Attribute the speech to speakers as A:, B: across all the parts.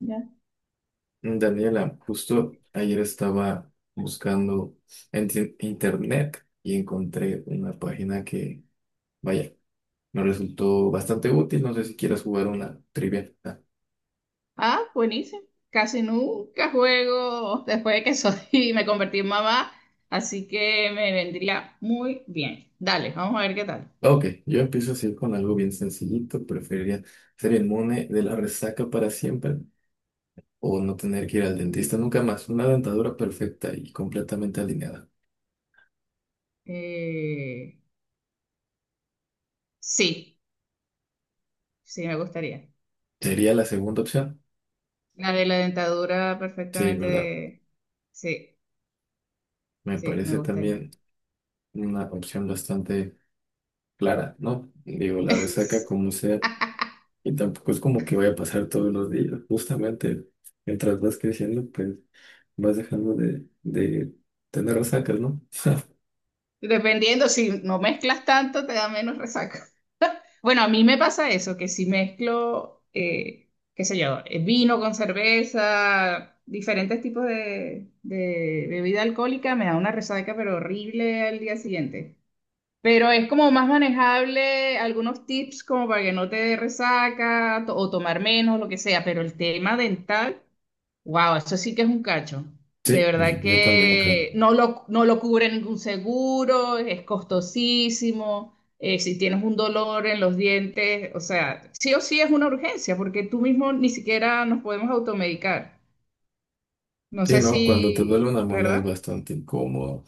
A: Ya.
B: Daniela, justo ayer estaba buscando en internet y encontré una página que, vaya, me resultó bastante útil. No sé si quieras jugar una trivia. Ah,
A: Ah, buenísimo. Casi nunca juego después de que soy me convertí en mamá, así que me vendría muy bien. Dale, vamos a ver qué tal.
B: ok, yo empiezo así con algo bien sencillito. Preferiría ser inmune de la resaca para siempre o no tener que ir al dentista nunca más. Una dentadura perfecta y completamente alineada.
A: Eh, sí, sí, me gustaría.
B: ¿Sería la segunda opción?
A: La de la dentadura
B: Sí, ¿verdad?
A: perfectamente. Sí,
B: Me
A: sí, me
B: parece
A: gustaría.
B: también una opción bastante clara, ¿no? Digo, la resaca como sea, y tampoco es como que vaya a pasar todos los días. Justamente, mientras vas creciendo, pues vas dejando de tener resacas, ¿no?
A: Dependiendo, si no mezclas tanto, te da menos resaca. Bueno, a mí me pasa eso, que si mezclo, qué sé yo, vino con cerveza, diferentes tipos de bebida alcohólica, me da una resaca, pero horrible al día siguiente. Pero es como más manejable algunos tips como para que no te dé resaca o tomar menos, lo que sea, pero el tema dental. Wow, eso sí que es un cacho. De
B: Sí,
A: verdad
B: y yo también lo creo.
A: que no lo cubre ningún seguro, es costosísimo. Si tienes un dolor en los dientes, o sea, sí o sí es una urgencia, porque tú mismo ni siquiera nos podemos automedicar. No
B: Sí,
A: sé si,
B: no, cuando te duele una muela es
A: ¿verdad?
B: bastante incómodo.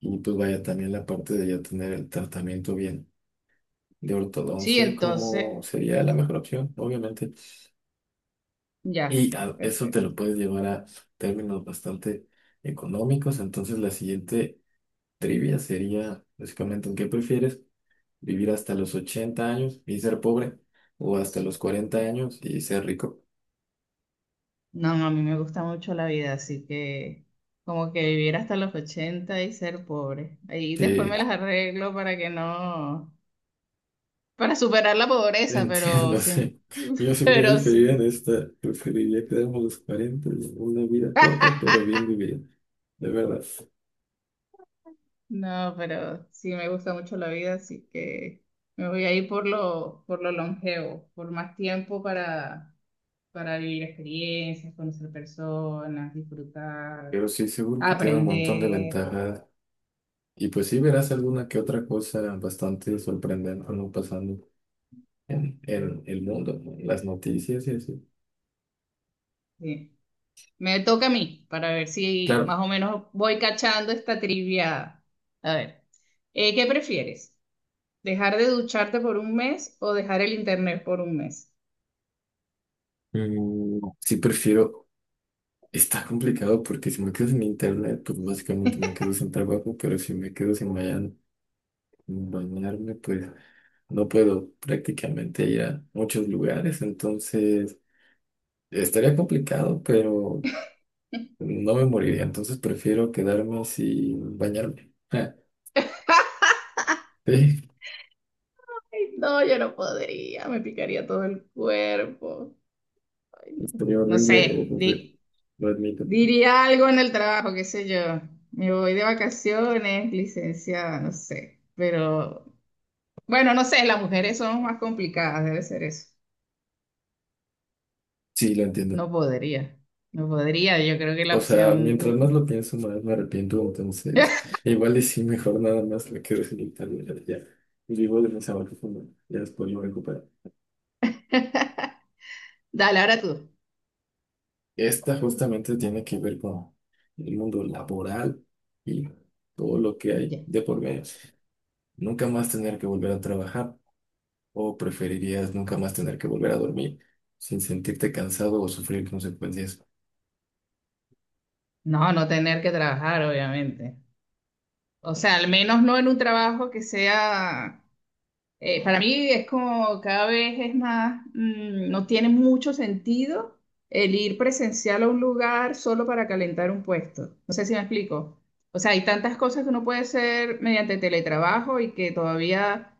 B: Y pues vaya también la parte de ya tener el tratamiento bien de
A: Sí,
B: ortodoncia
A: entonces,
B: como sería la mejor opción, obviamente.
A: ya,
B: Y a- eso te
A: perfecto.
B: lo puedes llevar a términos bastante económicos. Entonces la siguiente trivia sería básicamente, ¿en ¿qué prefieres? ¿Vivir hasta los 80 años y ser pobre? ¿O hasta los 40 años y ser rico?
A: No, no, a mí me gusta mucho la vida, así que como que vivir hasta los 80 y ser pobre. Ahí después
B: Sí,
A: me las arreglo para que no. Para superar la pobreza, pero
B: entiendo,
A: sí.
B: sí. Yo sí voy a
A: Pero
B: diferir
A: sí.
B: en esta. Preferiría quedarme a los 40, una vida corta, pero bien vivida, de verdad.
A: No, pero sí me gusta mucho la vida, así que me voy a ir por lo longevo, por más tiempo para vivir experiencias, conocer personas, disfrutar,
B: Pero sí, seguro que tiene un montón de
A: aprender.
B: ventajas. Y pues sí verás alguna que otra cosa bastante sorprendente, ¿no? Pasando en el mundo, ¿no? En las noticias y así.
A: Sí. Me toca a mí para ver si
B: Claro,
A: más o menos voy cachando esta trivia. A ver, ¿qué prefieres? ¿Dejar de ducharte por un mes o dejar el internet por un mes?
B: sí prefiero. Está complicado porque si me quedo sin internet, pues básicamente me quedo sin trabajo, pero si me quedo sin bañar- bañarme, pues no puedo prácticamente ir a muchos lugares, entonces estaría complicado, pero no me moriría, entonces prefiero quedarme sin bañarme. Ja, sí,
A: Ay, no, yo no podría, me picaría todo el cuerpo. Ay, no.
B: estaría
A: No
B: horrible,
A: sé,
B: entonces lo admito.
A: diría algo en el trabajo, qué sé yo. Me voy de vacaciones, licenciada, no sé. Pero bueno, no sé, las mujeres son más complicadas, debe ser eso.
B: Sí, lo entiendo.
A: No podría, no podría, yo creo que la
B: O sea,
A: opción
B: mientras más
A: uno.
B: lo pienso, más me arrepiento. Entonces, igual y sí, mejor nada más me quedo sin internet. Ya vivo de mis abajo, ya después lo recupero.
A: Dale, ahora tú.
B: Esta justamente tiene que ver con el mundo laboral y todo lo que hay
A: Ya.
B: de por medio. Nunca más tener que volver a trabajar, o preferirías nunca más tener que volver a dormir sin sentirte cansado o sufrir consecuencias.
A: No, no tener que trabajar, obviamente. O sea, al menos no en un trabajo que sea. Para mí es como cada vez es más, no tiene mucho sentido el ir presencial a un lugar solo para calentar un puesto. No sé si me explico. O sea, hay tantas cosas que uno puede hacer mediante teletrabajo y que todavía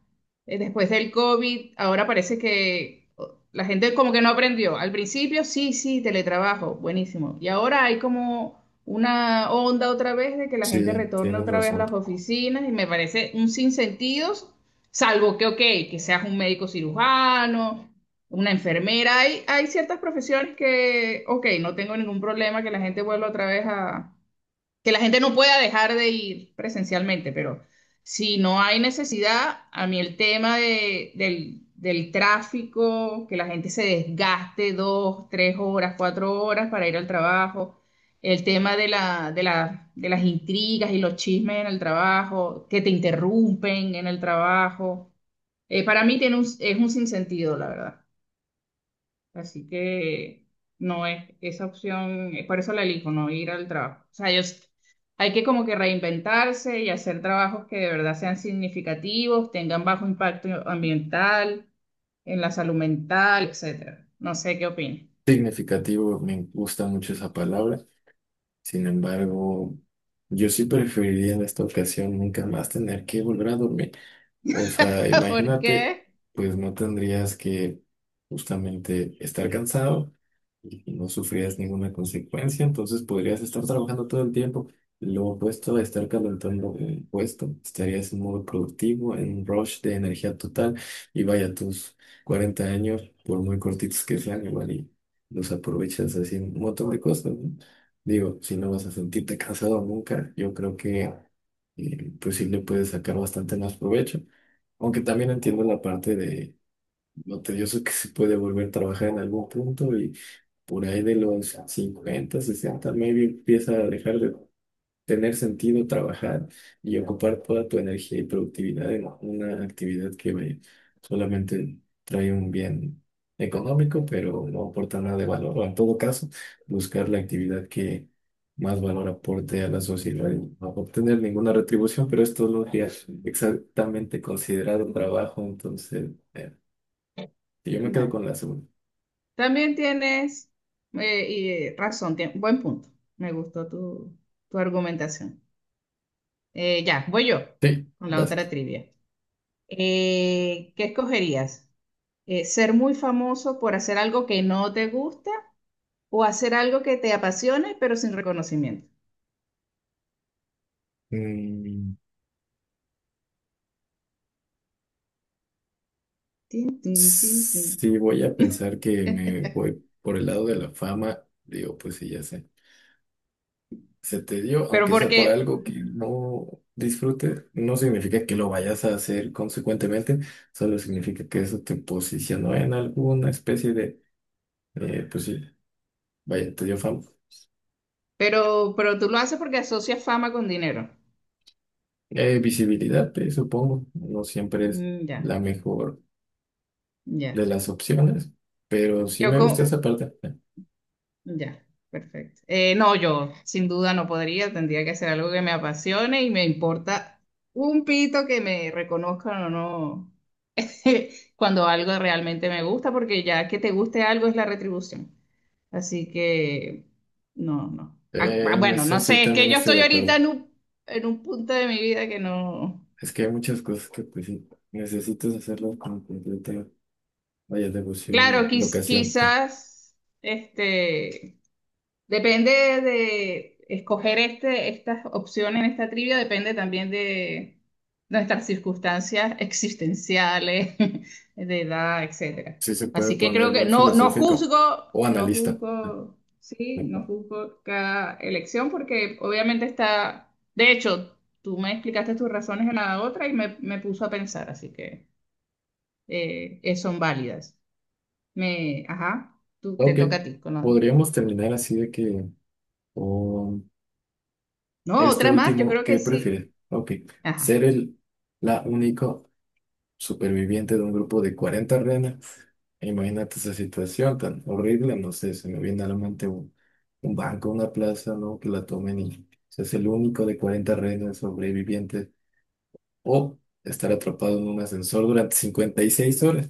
A: después del COVID, ahora parece que oh, la gente como que no aprendió. Al principio, sí, sí, teletrabajo, buenísimo. Y ahora hay como una onda otra vez de que la gente
B: Sí,
A: retorne
B: tienes
A: otra vez a
B: razón.
A: las oficinas y me parece un sinsentido. Salvo que, ok, que seas un médico cirujano, una enfermera, hay ciertas profesiones que, ok, no tengo ningún problema que la gente vuelva otra vez a, que la gente no pueda dejar de ir presencialmente, pero si no hay necesidad, a mí el tema del tráfico, que la gente se desgaste 2, 3 horas, 4 horas para ir al trabajo, el tema de las intrigas y los chismes en el trabajo, que te interrumpen en el trabajo. Para mí tiene es un sinsentido, la verdad. Así que no es esa opción, es por eso la elijo, no ir al trabajo. O sea, yo. Hay que como que reinventarse y hacer trabajos que de verdad sean significativos, tengan bajo impacto ambiental, en la salud mental, etcétera. No sé qué opinas.
B: Significativo, me gusta mucho esa palabra. Sin embargo, yo sí preferiría en esta ocasión nunca más tener que volver a dormir. O sea,
A: ¿Por
B: imagínate,
A: qué?
B: pues no tendrías que justamente estar cansado y no sufrirías ninguna consecuencia, entonces podrías estar trabajando todo el tiempo. Lo opuesto a estar calentando un puesto, estarías en modo productivo, en un rush de energía total y vaya tus 40 años, por muy cortitos que sean, igual y los aprovechas haciendo un montón de cosas, ¿no? Digo, si no vas a sentirte cansado nunca, yo creo que pues sí le puedes sacar bastante más provecho. Aunque también entiendo la parte de lo tedioso que se puede volver a trabajar en algún punto y por ahí de los 50, 60 maybe empieza a dejar de tener sentido, trabajar y ocupar toda tu energía y productividad en una actividad solamente trae un bien económico, pero no aporta nada de valor, o en todo caso, buscar la actividad que más valor aporte a la sociedad y no obtener ninguna retribución, pero esto no sería exactamente considerado un trabajo, entonces yo me quedo
A: Bueno,
B: con la segunda.
A: también tienes y, razón, buen punto. Me gustó tu argumentación. Ya, voy yo
B: Sí,
A: con la
B: vas.
A: otra trivia. ¿Qué escogerías? ¿Ser muy famoso por hacer algo que no te gusta o hacer algo que te apasione pero sin reconocimiento?
B: Mm,
A: Tin, tin, tin, tin.
B: sí, voy a pensar que me voy por el lado de la fama. Digo, pues sí, ya sé. Se te dio,
A: Pero
B: aunque sea
A: porque,
B: por algo que no disfrutes, no significa que lo vayas a hacer consecuentemente, solo significa que eso te posicionó en alguna especie de, pues sí, vaya, te dio fama.
A: pero tú lo haces porque asocias fama con dinero.
B: Visibilidad, supongo, no siempre es
A: Mm, ya,
B: la mejor
A: ya.
B: de las opciones, pero sí
A: Yo
B: me gusta
A: con,
B: esa parte.
A: ya, perfecto. No, yo sin duda no podría, tendría que hacer algo que me apasione y me importa un pito que me reconozcan o no cuando algo realmente me gusta, porque ya que te guste algo es la retribución. Así que, no, no. Ah, ah,
B: En
A: bueno,
B: eso
A: no
B: sí
A: sé, es que
B: también
A: yo
B: estoy
A: estoy
B: de
A: ahorita
B: acuerdo.
A: en un punto de mi vida que no.
B: Es que hay muchas cosas que pues sí, necesitas hacerlas con completa, vaya,
A: Claro,
B: devoción y vocación.
A: quizás, este, depende de escoger esta opción en esta trivia, depende también de nuestras circunstancias existenciales, de edad, etcétera.
B: Sí se puede
A: Así que
B: poner
A: creo que
B: muy
A: no, no
B: filosófico
A: juzgo,
B: o
A: no
B: analista.
A: juzgo, sí, no juzgo cada elección porque obviamente está, de hecho, tú me explicaste tus razones en la otra y me puso a pensar, así que son válidas. Ajá, te
B: Ok,
A: toca a ti.
B: podríamos terminar así de que con
A: No,
B: este
A: otra más, yo
B: último,
A: creo que
B: ¿qué
A: sí.
B: prefieres? Ok, ser
A: Ajá.
B: el la única superviviente de un grupo de 40 renas. Imagínate esa situación tan horrible, no sé, se me viene a la mente un banco, una plaza, ¿no? Que la tomen y seas el único de 40 renas sobrevivientes o estar atrapado en un ascensor durante 56 horas,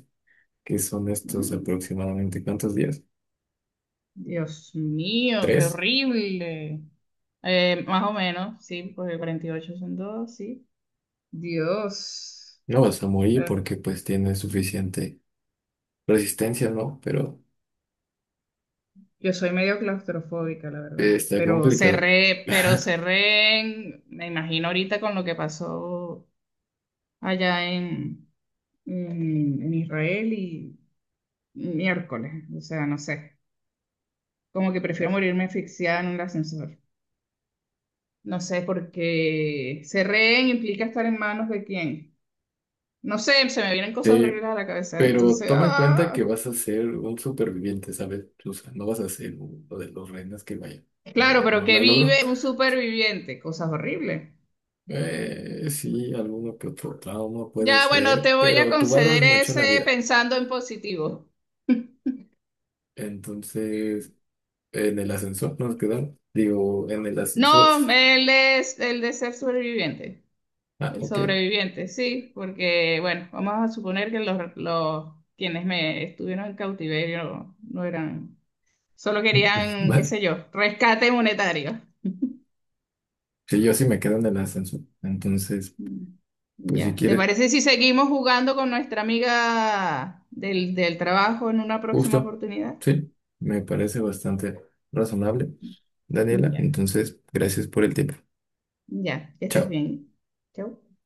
B: que son estos
A: Dios
B: aproximadamente, ¿cuántos días?
A: mío, qué
B: ¿Tres?
A: horrible. Más o menos, sí, porque 48 son 2, sí. Dios.
B: No vas a morir
A: Eh,
B: porque pues tienes suficiente resistencia, ¿no? Pero
A: Yo soy medio claustrofóbica, la verdad.
B: está
A: Pero
B: complicado.
A: cerré, pero cerré, en- Me imagino ahorita con lo que pasó allá en Israel y miércoles. O sea, no sé. Como que prefiero morirme asfixiada en un ascensor. No sé, porque cerré implica estar en manos de quién. No sé, se me vienen cosas horribles
B: Sí,
A: a la cabeza.
B: pero
A: Entonces,
B: toma en cuenta que
A: ah.
B: vas a ser un superviviente, ¿sabes? O sea, no vas a ser uno de los reinas que vaya.
A: Claro,
B: No,
A: pero
B: no
A: que
B: la logro.
A: vive un superviviente, cosas horribles.
B: Sí, alguno que otro trauma puede
A: Ya, bueno,
B: ser,
A: te voy a
B: pero tú valoras
A: conceder
B: mucho la
A: ese
B: vida.
A: pensando en positivo.
B: Entonces, en el ascensor nos quedamos. Digo, en el ascensor.
A: No, él es el de ser superviviente,
B: Ah,
A: el
B: ok.
A: sobreviviente, sí, porque, bueno, vamos a suponer que los quienes me estuvieron en cautiverio no eran, solo querían, qué
B: Vale.
A: sé yo, rescate monetario.
B: Sí, yo sí me quedo en el ascensor. Entonces,
A: Mm.
B: pues si
A: Ya, ¿te
B: quieres,
A: parece si seguimos jugando con nuestra amiga del trabajo en una próxima
B: justo.
A: oportunidad?
B: Sí, me parece bastante razonable, Daniela.
A: Ya,
B: Entonces, gracias por el tiempo.
A: ya, que estés
B: Chao.
A: bien. Chau.